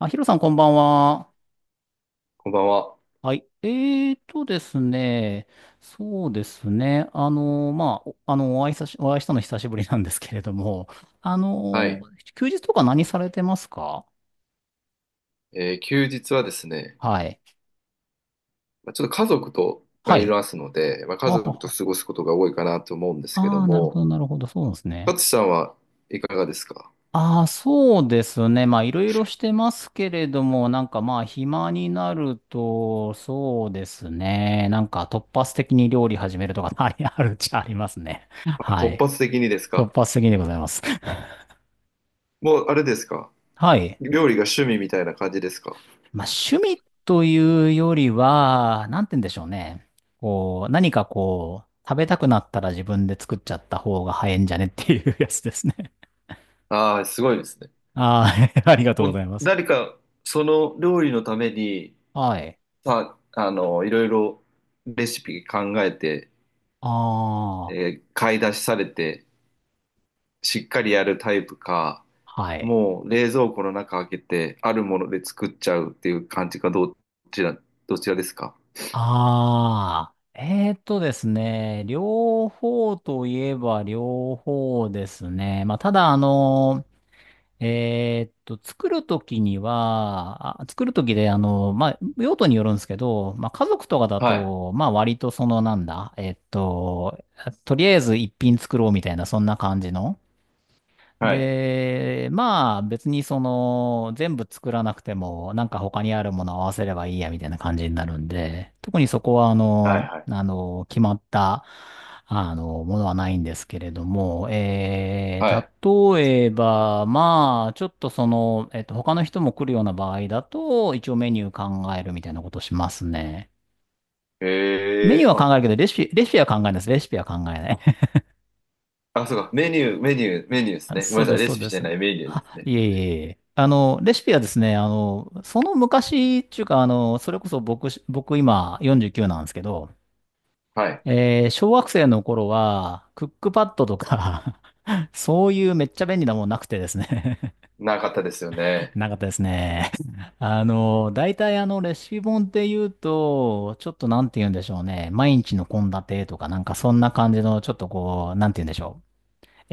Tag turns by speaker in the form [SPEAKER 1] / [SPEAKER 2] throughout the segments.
[SPEAKER 1] あ、ヒロさん、こんばんは。
[SPEAKER 2] こんばんは。
[SPEAKER 1] はい。えーとですね。そうですね。お会いしたの久しぶりなんですけれども、あ
[SPEAKER 2] は
[SPEAKER 1] の、
[SPEAKER 2] い。
[SPEAKER 1] 休日とか何されてますか？
[SPEAKER 2] 休日はですね、
[SPEAKER 1] はい。
[SPEAKER 2] まあ、ちょっと家族とが
[SPEAKER 1] は
[SPEAKER 2] い
[SPEAKER 1] い。
[SPEAKER 2] ますので、まあ、家
[SPEAKER 1] あは
[SPEAKER 2] 族と
[SPEAKER 1] は。
[SPEAKER 2] 過ごすことが多いかなと思うんですけど
[SPEAKER 1] あー、なるほ
[SPEAKER 2] も、
[SPEAKER 1] ど、なるほど。そうなんですね。
[SPEAKER 2] 勝さんはいかがですか？
[SPEAKER 1] ああ、そうですね。まあ、いろいろしてますけれども、なんかまあ、暇になると、そうですね。なんか突発的に料理始めるとか、あるっちゃありますね。
[SPEAKER 2] あ、
[SPEAKER 1] は
[SPEAKER 2] 突
[SPEAKER 1] い。
[SPEAKER 2] 発的にです
[SPEAKER 1] 突
[SPEAKER 2] か？
[SPEAKER 1] 発的でございます。
[SPEAKER 2] もうあれですか？
[SPEAKER 1] はい。
[SPEAKER 2] 料理が趣味みたいな感じですか？
[SPEAKER 1] まあ、趣味というよりは、なんて言うんでしょうね。こう、何かこう、食べたくなったら自分で作っちゃった方が早いんじゃねっていうやつですね。
[SPEAKER 2] ああー、すごいですね。
[SPEAKER 1] ああ、ありがとうご
[SPEAKER 2] も
[SPEAKER 1] ざ
[SPEAKER 2] う
[SPEAKER 1] います。
[SPEAKER 2] 誰かその料理のために
[SPEAKER 1] はい。
[SPEAKER 2] さ、いろいろレシピ考えて、
[SPEAKER 1] ああ、
[SPEAKER 2] 買い出しされて、しっかりやるタイプか、
[SPEAKER 1] はい。
[SPEAKER 2] もう冷蔵庫の中開けて、あるもので作っちゃうっていう感じか、ちら、どちらですか？
[SPEAKER 1] ああ、えーとですね、両方といえば両方ですね。まあ、ただ、作るときには、作るときで、あの、まあ、用途によるんですけど、まあ、家族とかだ
[SPEAKER 2] はい。
[SPEAKER 1] と、まあ、割とその、なんだ、えーっと、とりあえず一品作ろうみたいな、そんな感じの、
[SPEAKER 2] はい。
[SPEAKER 1] で、まあ別にその全部作らなくてもなんか他にあるものを合わせればいいやみたいな感じになるんで、特にそこはあ
[SPEAKER 2] は
[SPEAKER 1] の、
[SPEAKER 2] いはい。
[SPEAKER 1] あの、決まった、あの、ものはないんですけれども、
[SPEAKER 2] はい。
[SPEAKER 1] 例えば、まあ、ちょっとその、他の人も来るような場合だと、一応メニュー考えるみたいなことしますね。メニュ
[SPEAKER 2] え
[SPEAKER 1] ー
[SPEAKER 2] ー、
[SPEAKER 1] は考
[SPEAKER 2] あ、
[SPEAKER 1] えるけど、レシピは考えないです。レシピは考えない。
[SPEAKER 2] あ、そうか。メニューですね。ご
[SPEAKER 1] そ
[SPEAKER 2] め
[SPEAKER 1] う
[SPEAKER 2] んな
[SPEAKER 1] で
[SPEAKER 2] さい。
[SPEAKER 1] す、
[SPEAKER 2] レ
[SPEAKER 1] そう
[SPEAKER 2] シ
[SPEAKER 1] で
[SPEAKER 2] ピじゃ
[SPEAKER 1] す。
[SPEAKER 2] ないメニュー
[SPEAKER 1] あ、
[SPEAKER 2] ですね。
[SPEAKER 1] いえいえいえ。あの、レシピはですね、あの、その昔っていうか、あの、それこそ僕今49なんですけど、
[SPEAKER 2] はい。
[SPEAKER 1] えー小学生の頃は、クックパッドとか そういうめっちゃ便利なもんなくてですね。
[SPEAKER 2] なかったですよ ね。
[SPEAKER 1] なかったですね。あの、大体あの、レシピ本って言うと、ちょっとなんて言うんでしょうね。毎日の献立とか、なんかそんな感じの、ちょっとこう、なんて言うんでしょう。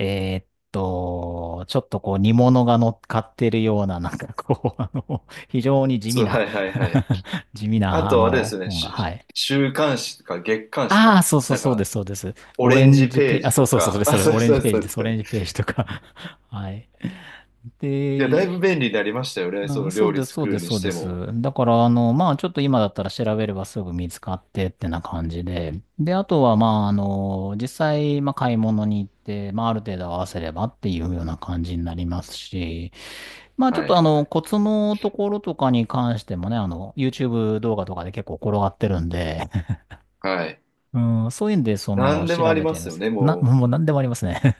[SPEAKER 1] えーっちょっとこう煮物が乗っかってるような、なんかこう、あの、非常に地
[SPEAKER 2] そ
[SPEAKER 1] 味
[SPEAKER 2] う、は
[SPEAKER 1] な、
[SPEAKER 2] いはいはい。
[SPEAKER 1] 地味
[SPEAKER 2] あ
[SPEAKER 1] な、あ
[SPEAKER 2] と、あれですよ
[SPEAKER 1] の、
[SPEAKER 2] ね。
[SPEAKER 1] 本が、はい。
[SPEAKER 2] 週刊誌か月刊誌
[SPEAKER 1] あ
[SPEAKER 2] か。
[SPEAKER 1] あ、そうそう
[SPEAKER 2] なん
[SPEAKER 1] そうで
[SPEAKER 2] か、
[SPEAKER 1] す、そうです。
[SPEAKER 2] オ
[SPEAKER 1] オ
[SPEAKER 2] レ
[SPEAKER 1] レ
[SPEAKER 2] ン
[SPEAKER 1] ン
[SPEAKER 2] ジ
[SPEAKER 1] ジ
[SPEAKER 2] ペ
[SPEAKER 1] ペー
[SPEAKER 2] ー
[SPEAKER 1] ジ、あ、
[SPEAKER 2] ジ
[SPEAKER 1] そ
[SPEAKER 2] と
[SPEAKER 1] うそうそう、そ
[SPEAKER 2] か。
[SPEAKER 1] れそ
[SPEAKER 2] あ、
[SPEAKER 1] れ、
[SPEAKER 2] そう
[SPEAKER 1] オレン
[SPEAKER 2] そう
[SPEAKER 1] ジペー
[SPEAKER 2] そ
[SPEAKER 1] ジ
[SPEAKER 2] う
[SPEAKER 1] で
[SPEAKER 2] です
[SPEAKER 1] す、オ
[SPEAKER 2] かね。
[SPEAKER 1] レンジページとか。 はい。
[SPEAKER 2] いや、だい
[SPEAKER 1] で、
[SPEAKER 2] ぶ便利になりましたよね。そ
[SPEAKER 1] うん、
[SPEAKER 2] の
[SPEAKER 1] そ
[SPEAKER 2] 料
[SPEAKER 1] う
[SPEAKER 2] 理
[SPEAKER 1] です、そう
[SPEAKER 2] 作
[SPEAKER 1] で
[SPEAKER 2] る
[SPEAKER 1] す、
[SPEAKER 2] に
[SPEAKER 1] そう
[SPEAKER 2] し
[SPEAKER 1] で
[SPEAKER 2] て
[SPEAKER 1] す。
[SPEAKER 2] も。
[SPEAKER 1] だから、あの、まあ、ちょっと今だったら調べればすぐ見つかってってな感じで。で、あとは、まあ、あの、実際、まあ、買い物に行って、まあ、ある程度合わせればっていうような感じになりますし、まあ、ちょっ
[SPEAKER 2] は
[SPEAKER 1] と、あ
[SPEAKER 2] いは
[SPEAKER 1] の、
[SPEAKER 2] い。
[SPEAKER 1] コツのところとかに関してもね、あの、YouTube 動画とかで結構転がってるんで、
[SPEAKER 2] はい。
[SPEAKER 1] うん、そういうんで、その、
[SPEAKER 2] 何でも
[SPEAKER 1] 調
[SPEAKER 2] あり
[SPEAKER 1] べて
[SPEAKER 2] ま
[SPEAKER 1] やり
[SPEAKER 2] す
[SPEAKER 1] ま
[SPEAKER 2] よ
[SPEAKER 1] す。
[SPEAKER 2] ね、
[SPEAKER 1] な、
[SPEAKER 2] も
[SPEAKER 1] もう
[SPEAKER 2] う。
[SPEAKER 1] 何でもありますね。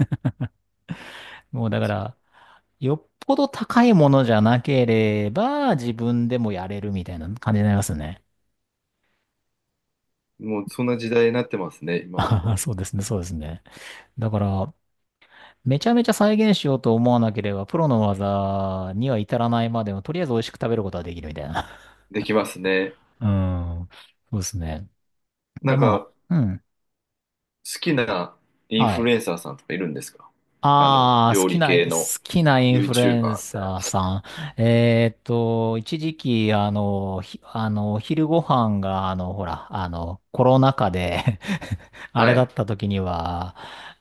[SPEAKER 1] もう、だから、
[SPEAKER 2] そ
[SPEAKER 1] よっぽど高いものじゃなければ、自分でもやれるみたいな感じになりますね。
[SPEAKER 2] もうそんな時代になってますね、今は
[SPEAKER 1] あ
[SPEAKER 2] も
[SPEAKER 1] あ、
[SPEAKER 2] う。
[SPEAKER 1] そうですね、そうですね。だから、めちゃめちゃ再現しようと思わなければ、プロの技には至らないまでも、とりあえず美味しく食べることはできるみたいな。
[SPEAKER 2] できますね。
[SPEAKER 1] うん。そうですね。
[SPEAKER 2] なん
[SPEAKER 1] ま
[SPEAKER 2] か、
[SPEAKER 1] あ、うん。
[SPEAKER 2] 好きなイン
[SPEAKER 1] は
[SPEAKER 2] フル
[SPEAKER 1] い。
[SPEAKER 2] エンサーさんとかいるんですか？
[SPEAKER 1] ああ、
[SPEAKER 2] 料理系の
[SPEAKER 1] 好きなインフルエン
[SPEAKER 2] YouTuber みたいな。
[SPEAKER 1] サーさん。一時期、あの、お昼ご飯が、あの、ほら、あの、コロナ禍で あれ
[SPEAKER 2] は
[SPEAKER 1] だっ
[SPEAKER 2] い。
[SPEAKER 1] た時には、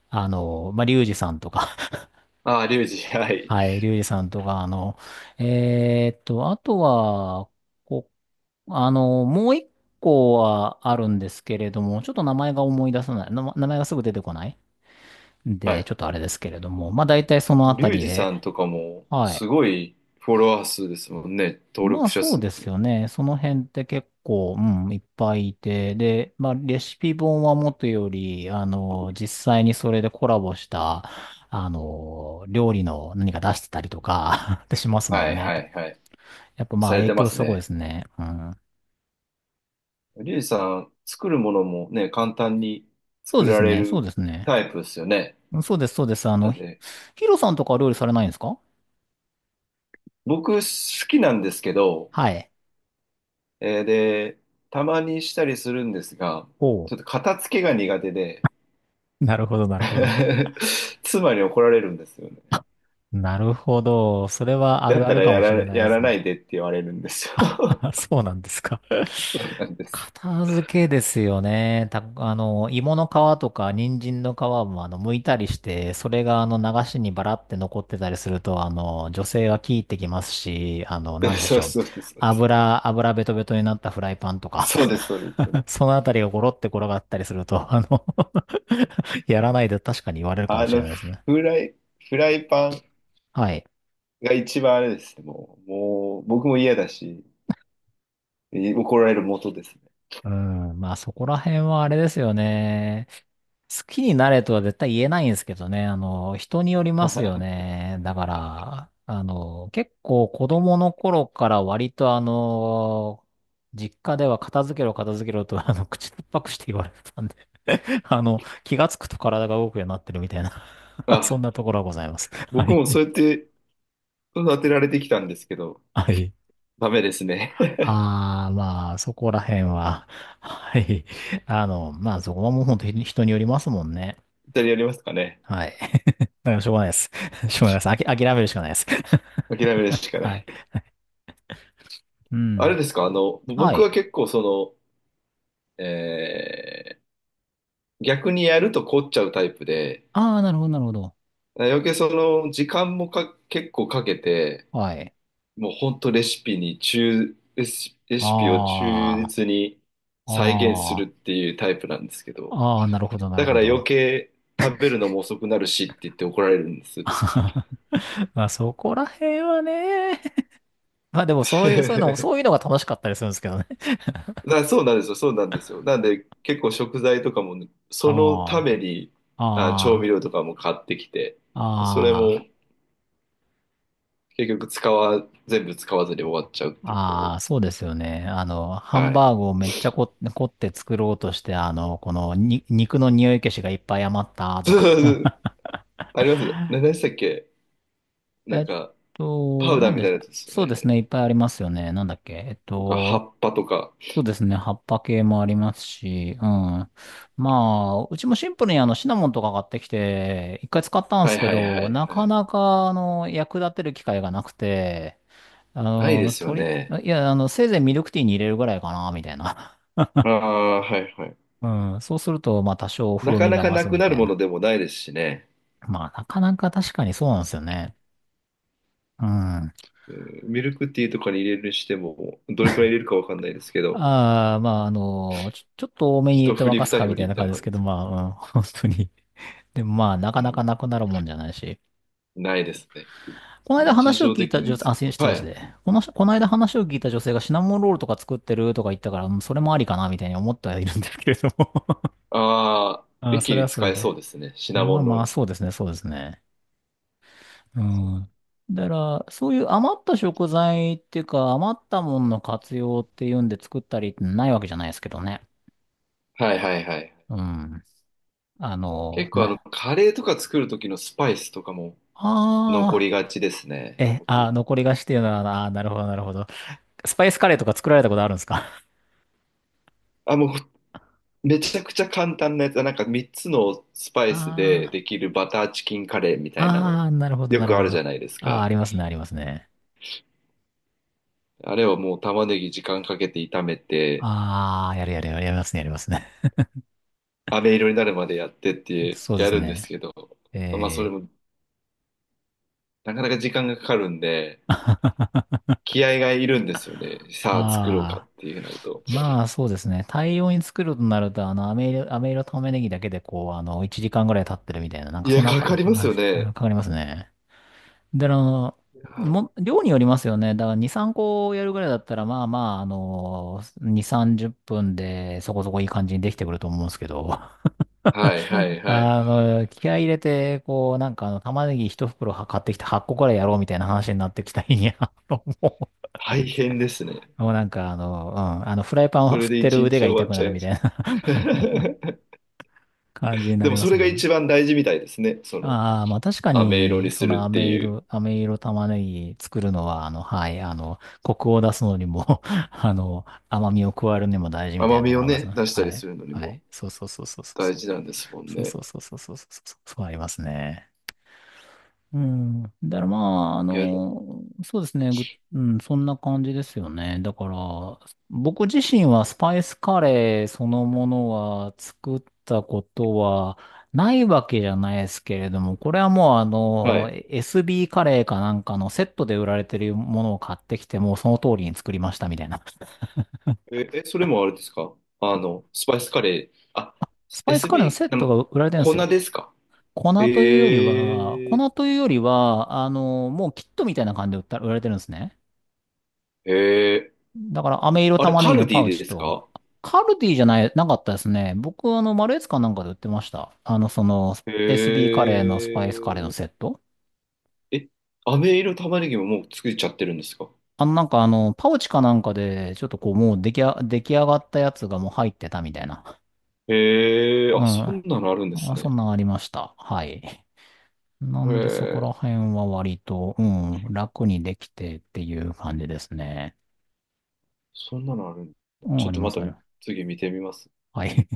[SPEAKER 1] あの、まあ、リュウジさんとか、
[SPEAKER 2] ああ、リュウジ、は い。
[SPEAKER 1] はい、リュウジさんとか、あの、あとは、こ、あの、もう一個はあるんですけれども、ちょっと名前が思い出さない、な名前がすぐ出てこないん
[SPEAKER 2] は
[SPEAKER 1] で、
[SPEAKER 2] い。
[SPEAKER 1] ちょっとあれですけれども、まあ、大体そのあた
[SPEAKER 2] リュウ
[SPEAKER 1] り
[SPEAKER 2] ジさ
[SPEAKER 1] で、
[SPEAKER 2] んとかも、
[SPEAKER 1] は
[SPEAKER 2] す
[SPEAKER 1] い。
[SPEAKER 2] ごいフォロワー数ですもんね、登
[SPEAKER 1] まあ
[SPEAKER 2] 録者
[SPEAKER 1] そう
[SPEAKER 2] 数っ
[SPEAKER 1] です
[SPEAKER 2] て。
[SPEAKER 1] よね。その辺って結構、うん、いっぱいいて、で、まあレシピ本はもとより、あの、実際にそれでコラボした、あの、料理の何か出してたりとか ってしますも
[SPEAKER 2] は
[SPEAKER 1] ん
[SPEAKER 2] い、
[SPEAKER 1] ね。
[SPEAKER 2] はい、はい。
[SPEAKER 1] やっぱまあ
[SPEAKER 2] され
[SPEAKER 1] 影
[SPEAKER 2] てま
[SPEAKER 1] 響
[SPEAKER 2] す
[SPEAKER 1] すごいで
[SPEAKER 2] ね。
[SPEAKER 1] すね。うん。
[SPEAKER 2] リュウジさん、作るものもね、簡単に
[SPEAKER 1] そう
[SPEAKER 2] 作
[SPEAKER 1] で
[SPEAKER 2] ら
[SPEAKER 1] す
[SPEAKER 2] れ
[SPEAKER 1] ね、そう
[SPEAKER 2] る
[SPEAKER 1] ですね。
[SPEAKER 2] タイプですよね。
[SPEAKER 1] うんそうです、そうです。あ
[SPEAKER 2] な
[SPEAKER 1] の、
[SPEAKER 2] んで、
[SPEAKER 1] ヒロさんとかは料理されないんですか？
[SPEAKER 2] 僕好きなんですけど、
[SPEAKER 1] はい。
[SPEAKER 2] で、たまにしたりするんですが、
[SPEAKER 1] おう。
[SPEAKER 2] ちょっと片付けが苦手で、
[SPEAKER 1] なるほど、なるほど。
[SPEAKER 2] 妻に怒られるんですよね。
[SPEAKER 1] あ、なるほど。それはあ
[SPEAKER 2] だ
[SPEAKER 1] る
[SPEAKER 2] っ
[SPEAKER 1] あ
[SPEAKER 2] た
[SPEAKER 1] る
[SPEAKER 2] ら
[SPEAKER 1] かもしれない
[SPEAKER 2] や
[SPEAKER 1] です
[SPEAKER 2] ら
[SPEAKER 1] ね。
[SPEAKER 2] ないでって言われるんですよ。
[SPEAKER 1] そうなんですか。
[SPEAKER 2] なんです。
[SPEAKER 1] 片付けですよね。あの、芋の皮とか人参の皮もあの、剥いたりして、それがあの、流しにバラって残ってたりすると、あの、女性は聞いてきますし、あの、なんでし
[SPEAKER 2] そう
[SPEAKER 1] ょう。
[SPEAKER 2] そうです。
[SPEAKER 1] 油ベトベトになったフライパンとか、
[SPEAKER 2] そうです、そうです。そうで
[SPEAKER 1] そ
[SPEAKER 2] す。
[SPEAKER 1] のあたりがゴロって転がったりすると、あの、 やらないで確かに言われるかも
[SPEAKER 2] あ
[SPEAKER 1] しれ
[SPEAKER 2] の、
[SPEAKER 1] ないですね。
[SPEAKER 2] フライ、フライパン
[SPEAKER 1] はい。
[SPEAKER 2] が一番あれですね。もう僕も嫌だし、怒られる元ですね。
[SPEAKER 1] うん。まあそこら辺はあれですよね。好きになれとは絶対言えないんですけどね。あの、人によりますよね。だから、あの、結構子供の頃から割とあの、実家では片付けろ片付けろと、あの、口突っぱくして言われてたんで、 あの、気がつくと体が動くようになってるみたいな。 そ
[SPEAKER 2] あ、
[SPEAKER 1] んなところはございます。は
[SPEAKER 2] 僕
[SPEAKER 1] い。
[SPEAKER 2] もそうやって育てられてきたんですけど、
[SPEAKER 1] はい。
[SPEAKER 2] ダメですね。
[SPEAKER 1] ああ、まあ、そこら辺は、はい。あの、まあ、そこはもう本当に人によりますもんね。
[SPEAKER 2] 二人やりますかね？
[SPEAKER 1] はい。だからしょうがないです。しょうがないです。諦めるしかないです。
[SPEAKER 2] 諦めるしか な
[SPEAKER 1] はい。
[SPEAKER 2] い。
[SPEAKER 1] う
[SPEAKER 2] あれ
[SPEAKER 1] ん。
[SPEAKER 2] ですか、
[SPEAKER 1] は
[SPEAKER 2] 僕は
[SPEAKER 1] い。
[SPEAKER 2] 結構えー逆にやると凝っちゃうタイプで、
[SPEAKER 1] ああ、なるほど、なるほど。
[SPEAKER 2] 余計時間もか、結構かけて、
[SPEAKER 1] はい。
[SPEAKER 2] もう本当レシピを忠
[SPEAKER 1] あ
[SPEAKER 2] 実に再現す
[SPEAKER 1] あ、
[SPEAKER 2] るっていうタイプなんですけど、
[SPEAKER 1] なるほど、な
[SPEAKER 2] だ
[SPEAKER 1] る
[SPEAKER 2] か
[SPEAKER 1] ほ
[SPEAKER 2] ら余
[SPEAKER 1] ど。
[SPEAKER 2] 計食べるのも遅くなるしって言って怒られるんです。
[SPEAKER 1] まあ、そこら辺はね。まあ、でも、そういう、そういうの、そういう のが楽しかったりするんですけどね。
[SPEAKER 2] そうなんですよ、そうなんですよ。なんで結構食材とかも、そのた
[SPEAKER 1] あ
[SPEAKER 2] めに調味
[SPEAKER 1] あ、あ
[SPEAKER 2] 料とかも買ってきて、それも
[SPEAKER 1] あ、ああ。
[SPEAKER 2] 結局全部使わずに終わっちゃうっていうことが多
[SPEAKER 1] あ
[SPEAKER 2] い
[SPEAKER 1] あ、
[SPEAKER 2] です。
[SPEAKER 1] そうですよね。あの、ハン
[SPEAKER 2] はい。
[SPEAKER 1] バーグをめっちゃこ、凝って作ろうとして、あの、このに、肉の匂い消しがいっぱい余った と
[SPEAKER 2] そうそうそ
[SPEAKER 1] か。
[SPEAKER 2] う あります。何でしたっけ？なん
[SPEAKER 1] えっ
[SPEAKER 2] か、パ
[SPEAKER 1] と、
[SPEAKER 2] ウダ
[SPEAKER 1] な
[SPEAKER 2] ー
[SPEAKER 1] ん
[SPEAKER 2] み
[SPEAKER 1] で
[SPEAKER 2] たい
[SPEAKER 1] し
[SPEAKER 2] なや
[SPEAKER 1] た
[SPEAKER 2] つですよ
[SPEAKER 1] そうです
[SPEAKER 2] ね。
[SPEAKER 1] ね。いっぱいありますよね。なんだっけ。えっ
[SPEAKER 2] とか、葉
[SPEAKER 1] と、
[SPEAKER 2] っぱとか。
[SPEAKER 1] そうですね。葉っぱ系もありますし、うん。まあ、うちもシンプルにあの、シナモンとか買ってきて、一回使ったんで
[SPEAKER 2] は
[SPEAKER 1] す
[SPEAKER 2] い
[SPEAKER 1] け
[SPEAKER 2] はいは
[SPEAKER 1] ど、
[SPEAKER 2] い
[SPEAKER 1] な
[SPEAKER 2] は
[SPEAKER 1] か
[SPEAKER 2] い。
[SPEAKER 1] なか、あの、役立てる機会がなくて、あ
[SPEAKER 2] ないで
[SPEAKER 1] の、
[SPEAKER 2] すよ
[SPEAKER 1] 鳥、
[SPEAKER 2] ね。
[SPEAKER 1] いや、あの、せいぜいミルクティーに入れるぐらいかな、みたいな。
[SPEAKER 2] ああ、はいはい。
[SPEAKER 1] うん。そうすると、まあ多少
[SPEAKER 2] な
[SPEAKER 1] 風
[SPEAKER 2] か
[SPEAKER 1] 味
[SPEAKER 2] な
[SPEAKER 1] が
[SPEAKER 2] か
[SPEAKER 1] 増
[SPEAKER 2] な
[SPEAKER 1] す
[SPEAKER 2] く
[SPEAKER 1] み
[SPEAKER 2] な
[SPEAKER 1] た
[SPEAKER 2] る
[SPEAKER 1] い
[SPEAKER 2] もの
[SPEAKER 1] な。
[SPEAKER 2] でもないですしね。
[SPEAKER 1] まあなかなか確かにそうなんですよね。うん。あ
[SPEAKER 2] うん、ミルクティーとかに入れるにしても、どれくらい入れるかわかんないですけど、
[SPEAKER 1] あ、まああの、ちょっと多めに入れ
[SPEAKER 2] 一
[SPEAKER 1] て
[SPEAKER 2] 振
[SPEAKER 1] 沸
[SPEAKER 2] り
[SPEAKER 1] かす
[SPEAKER 2] 二
[SPEAKER 1] か
[SPEAKER 2] 振
[SPEAKER 1] みたい
[SPEAKER 2] りみ
[SPEAKER 1] な
[SPEAKER 2] たい
[SPEAKER 1] 感
[SPEAKER 2] な
[SPEAKER 1] じで
[SPEAKER 2] 感
[SPEAKER 1] す
[SPEAKER 2] じ
[SPEAKER 1] け
[SPEAKER 2] で
[SPEAKER 1] ど、
[SPEAKER 2] すか？
[SPEAKER 1] まあ、うん、本当に。でもまあな
[SPEAKER 2] う
[SPEAKER 1] かなか
[SPEAKER 2] ん。
[SPEAKER 1] なくなるもんじゃないし。
[SPEAKER 2] ないですね。
[SPEAKER 1] この間
[SPEAKER 2] 日
[SPEAKER 1] 話を
[SPEAKER 2] 常
[SPEAKER 1] 聞い
[SPEAKER 2] 的
[SPEAKER 1] た
[SPEAKER 2] に
[SPEAKER 1] 女性、あ、失礼
[SPEAKER 2] は
[SPEAKER 1] し
[SPEAKER 2] い。
[SPEAKER 1] て。この間話を聞いた女性がシナモンロールとか作ってるとか言ったから、うんそれもありかなみたいに思ってはいるんですけれども。
[SPEAKER 2] ああ、
[SPEAKER 1] あ、
[SPEAKER 2] 一
[SPEAKER 1] そ
[SPEAKER 2] 気
[SPEAKER 1] れ
[SPEAKER 2] に
[SPEAKER 1] はそ
[SPEAKER 2] 使
[SPEAKER 1] れ
[SPEAKER 2] え
[SPEAKER 1] で。
[SPEAKER 2] そうですね。シ
[SPEAKER 1] ま
[SPEAKER 2] ナモ
[SPEAKER 1] あ
[SPEAKER 2] ンロー
[SPEAKER 1] まあ、
[SPEAKER 2] ル。
[SPEAKER 1] そうですね、そうですね。う
[SPEAKER 2] そう、
[SPEAKER 1] ん。だから、そういう余った食材っていうか、余ったものの活用っていうんで作ったりってないわけじゃないですけどね。
[SPEAKER 2] はいはいはい。
[SPEAKER 1] うん。あの、
[SPEAKER 2] 結構
[SPEAKER 1] な、
[SPEAKER 2] カレーとか作る時のスパイスとかも残
[SPEAKER 1] あ
[SPEAKER 2] りがちです
[SPEAKER 1] あ、
[SPEAKER 2] ね。
[SPEAKER 1] え、あ
[SPEAKER 2] 僕。
[SPEAKER 1] ー、残り菓子っていうのはな、なるほど、なるほど。スパイスカレーとか作られたことあるんですか？
[SPEAKER 2] あ、もう、めちゃくちゃ簡単なやつ。なんか3つのスパイスで
[SPEAKER 1] あ
[SPEAKER 2] できるバターチキンカレーみ
[SPEAKER 1] あ、
[SPEAKER 2] たいな
[SPEAKER 1] あ
[SPEAKER 2] の、
[SPEAKER 1] あー、なるほど、
[SPEAKER 2] よ
[SPEAKER 1] なる
[SPEAKER 2] くあ
[SPEAKER 1] ほ
[SPEAKER 2] る
[SPEAKER 1] ど。
[SPEAKER 2] じゃ
[SPEAKER 1] あ
[SPEAKER 2] ないです
[SPEAKER 1] あ、
[SPEAKER 2] か。
[SPEAKER 1] ありますね、ありますね。
[SPEAKER 2] あれをもう玉ねぎ時間かけて炒めて、
[SPEAKER 1] ああ、やるやるやる、やりますね、やりますね。
[SPEAKER 2] 飴色になるまでやってっ て
[SPEAKER 1] そうで
[SPEAKER 2] や
[SPEAKER 1] す
[SPEAKER 2] るんです
[SPEAKER 1] ね。
[SPEAKER 2] けど、まあそ
[SPEAKER 1] え
[SPEAKER 2] れ
[SPEAKER 1] ー、
[SPEAKER 2] もなかなか時間がかかるんで、気合がいるんですよね。さあ作ろうかっ
[SPEAKER 1] ああ。
[SPEAKER 2] ていうなると。
[SPEAKER 1] まあそうですね。大量に作るとなると、飴色、飴色玉ねぎだけでこう、1時間ぐらい経ってるみたいな、なん
[SPEAKER 2] い
[SPEAKER 1] かそん
[SPEAKER 2] や、
[SPEAKER 1] な
[SPEAKER 2] かかりますよ
[SPEAKER 1] 話。か
[SPEAKER 2] ね。
[SPEAKER 1] かりますね。で、
[SPEAKER 2] は、
[SPEAKER 1] 量によりますよね。だから2、3個やるぐらいだったら、まあまあ、2、30分でそこそこいい感じにできてくると思うんですけど、
[SPEAKER 2] はいはいはい。
[SPEAKER 1] 気合い入れて、こう、なんか、玉ねぎ1袋は買ってきて8個ぐらいやろうみたいな話になってきた日に、も
[SPEAKER 2] 大変ですね。
[SPEAKER 1] う、もうなんか、うん、フライパン
[SPEAKER 2] そ
[SPEAKER 1] を振
[SPEAKER 2] れ
[SPEAKER 1] っ
[SPEAKER 2] で
[SPEAKER 1] てる
[SPEAKER 2] 一
[SPEAKER 1] 腕
[SPEAKER 2] 日
[SPEAKER 1] が
[SPEAKER 2] 終わ
[SPEAKER 1] 痛
[SPEAKER 2] っ
[SPEAKER 1] くな
[SPEAKER 2] ちゃ
[SPEAKER 1] る
[SPEAKER 2] い
[SPEAKER 1] み
[SPEAKER 2] ま
[SPEAKER 1] たい
[SPEAKER 2] す。
[SPEAKER 1] な 感じにな
[SPEAKER 2] で
[SPEAKER 1] り
[SPEAKER 2] も
[SPEAKER 1] ま
[SPEAKER 2] そ
[SPEAKER 1] す
[SPEAKER 2] れが
[SPEAKER 1] もんね。
[SPEAKER 2] 一番大事みたいですね。その
[SPEAKER 1] ああ、まあ確か
[SPEAKER 2] 飴色に
[SPEAKER 1] に、そ
[SPEAKER 2] するっ
[SPEAKER 1] の
[SPEAKER 2] て
[SPEAKER 1] 飴
[SPEAKER 2] いう。
[SPEAKER 1] 色、飴色玉ねぎ作るのは、はい、コクを出すのにも 甘みを加えるにも大事みたい
[SPEAKER 2] 甘
[SPEAKER 1] なと
[SPEAKER 2] み
[SPEAKER 1] こ
[SPEAKER 2] を
[SPEAKER 1] ろあります
[SPEAKER 2] ね、
[SPEAKER 1] ね。
[SPEAKER 2] 出した
[SPEAKER 1] は
[SPEAKER 2] りす
[SPEAKER 1] い。
[SPEAKER 2] るのに
[SPEAKER 1] は
[SPEAKER 2] も
[SPEAKER 1] い。そうそうそうそうそ
[SPEAKER 2] 大
[SPEAKER 1] う。
[SPEAKER 2] 事なんですもん
[SPEAKER 1] そう
[SPEAKER 2] ね。
[SPEAKER 1] そうそうそうそうそう。そうありますね。うん。だからまあ、
[SPEAKER 2] いや、
[SPEAKER 1] そうですね。ぐうん、そんな感じですよね。だから、僕自身はスパイスカレーそのものは作ったことはないわけじゃないですけれども、これはもう
[SPEAKER 2] はい。
[SPEAKER 1] SB カレーかなんかのセットで売られてるものを買ってきて、もうその通りに作りましたみたいな。
[SPEAKER 2] それもあれですか？スパイスカレー。あ、
[SPEAKER 1] スパイスカレーのセ
[SPEAKER 2] SB、
[SPEAKER 1] ットが売られてるんです
[SPEAKER 2] 粉
[SPEAKER 1] よ。
[SPEAKER 2] ですか？
[SPEAKER 1] 粉というよりは、
[SPEAKER 2] ええ
[SPEAKER 1] 粉というよりは、もうキットみたいな感じで売った売られてるんですね。
[SPEAKER 2] ー、えー、
[SPEAKER 1] だから飴色
[SPEAKER 2] あれ、
[SPEAKER 1] 玉ね
[SPEAKER 2] カ
[SPEAKER 1] ぎの
[SPEAKER 2] ルデ
[SPEAKER 1] パ
[SPEAKER 2] ィ
[SPEAKER 1] ウ
[SPEAKER 2] で
[SPEAKER 1] チ
[SPEAKER 2] です
[SPEAKER 1] と、
[SPEAKER 2] か？
[SPEAKER 1] カルディじゃない、なかったですね。僕、マルエツかなんかで売ってました。その、
[SPEAKER 2] え
[SPEAKER 1] SB カレーのスパイスカレーの
[SPEAKER 2] え
[SPEAKER 1] セット。
[SPEAKER 2] ー、え、飴色玉ねぎももう作っちゃってるんですか？
[SPEAKER 1] なんか、パウチかなんかで、ちょっとこう、もう出来上がったやつがもう入ってたみたいな。
[SPEAKER 2] ええー、
[SPEAKER 1] う
[SPEAKER 2] あ、
[SPEAKER 1] ん。
[SPEAKER 2] そんなのあるんです
[SPEAKER 1] あ、そ
[SPEAKER 2] ね。
[SPEAKER 1] んなんありました。はい。なんでそこら
[SPEAKER 2] ええ、
[SPEAKER 1] 辺は割と、うん、楽にできてっていう感じですね。
[SPEAKER 2] そんなのあるんだ。
[SPEAKER 1] うん、
[SPEAKER 2] ちょ
[SPEAKER 1] あ
[SPEAKER 2] っ
[SPEAKER 1] り
[SPEAKER 2] と
[SPEAKER 1] ま
[SPEAKER 2] ま
[SPEAKER 1] す、
[SPEAKER 2] た
[SPEAKER 1] あります。
[SPEAKER 2] 次見てみます。
[SPEAKER 1] はい。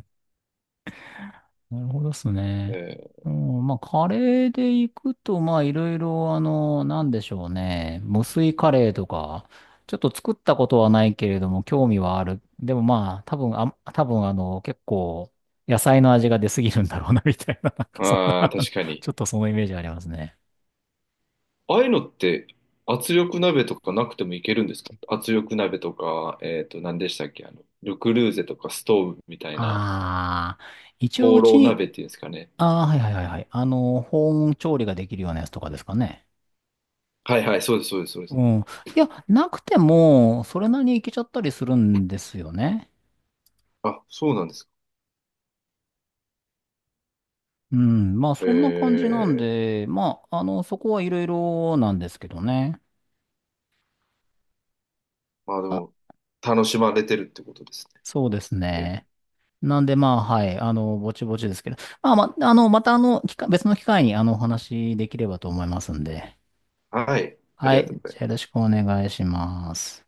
[SPEAKER 1] なるほどっすね。
[SPEAKER 2] ええ、
[SPEAKER 1] うん、まあ、カレーで行くと、まあ、いろいろ、なんでしょうね。無水カレーとか、ちょっと作ったことはないけれども、興味はある。でもまあ、多分、結構、野菜の味が出すぎるんだろうな、みたいな、なんかそん
[SPEAKER 2] ああ、
[SPEAKER 1] な
[SPEAKER 2] 確か に。
[SPEAKER 1] ちょっとそのイメージありますね。
[SPEAKER 2] ああいうのって圧力鍋とかなくてもいけるんですか？圧力鍋とか、何でしたっけ？ルクルーゼとかストーブみたいな、
[SPEAKER 1] ああ、一応
[SPEAKER 2] ホー
[SPEAKER 1] うち
[SPEAKER 2] ロー
[SPEAKER 1] に、
[SPEAKER 2] 鍋っていうんですかね？
[SPEAKER 1] ああ、はいはいはいはい。保温調理ができるようなやつとかですかね？
[SPEAKER 2] はいはい、そうです、そうです、そうです。
[SPEAKER 1] うん。いや、なくても、それなりにいけちゃったりするんですよね。
[SPEAKER 2] あ、そうなんですか。
[SPEAKER 1] うん、まあそんな感じ
[SPEAKER 2] え
[SPEAKER 1] なん
[SPEAKER 2] え、
[SPEAKER 1] で、まあ、そこはいろいろなんですけどね。
[SPEAKER 2] まあで
[SPEAKER 1] あ、
[SPEAKER 2] も、楽しまれてるってことですね。
[SPEAKER 1] そうですね。なんでまあ、はい、ぼちぼちですけど、まあ、また別の機会にお話しできればと思いますんで。
[SPEAKER 2] はい、あ
[SPEAKER 1] は
[SPEAKER 2] りがとう
[SPEAKER 1] い、
[SPEAKER 2] ござ
[SPEAKER 1] じ
[SPEAKER 2] い
[SPEAKER 1] ゃあよ
[SPEAKER 2] ま
[SPEAKER 1] ろ
[SPEAKER 2] す。
[SPEAKER 1] しくお願いします。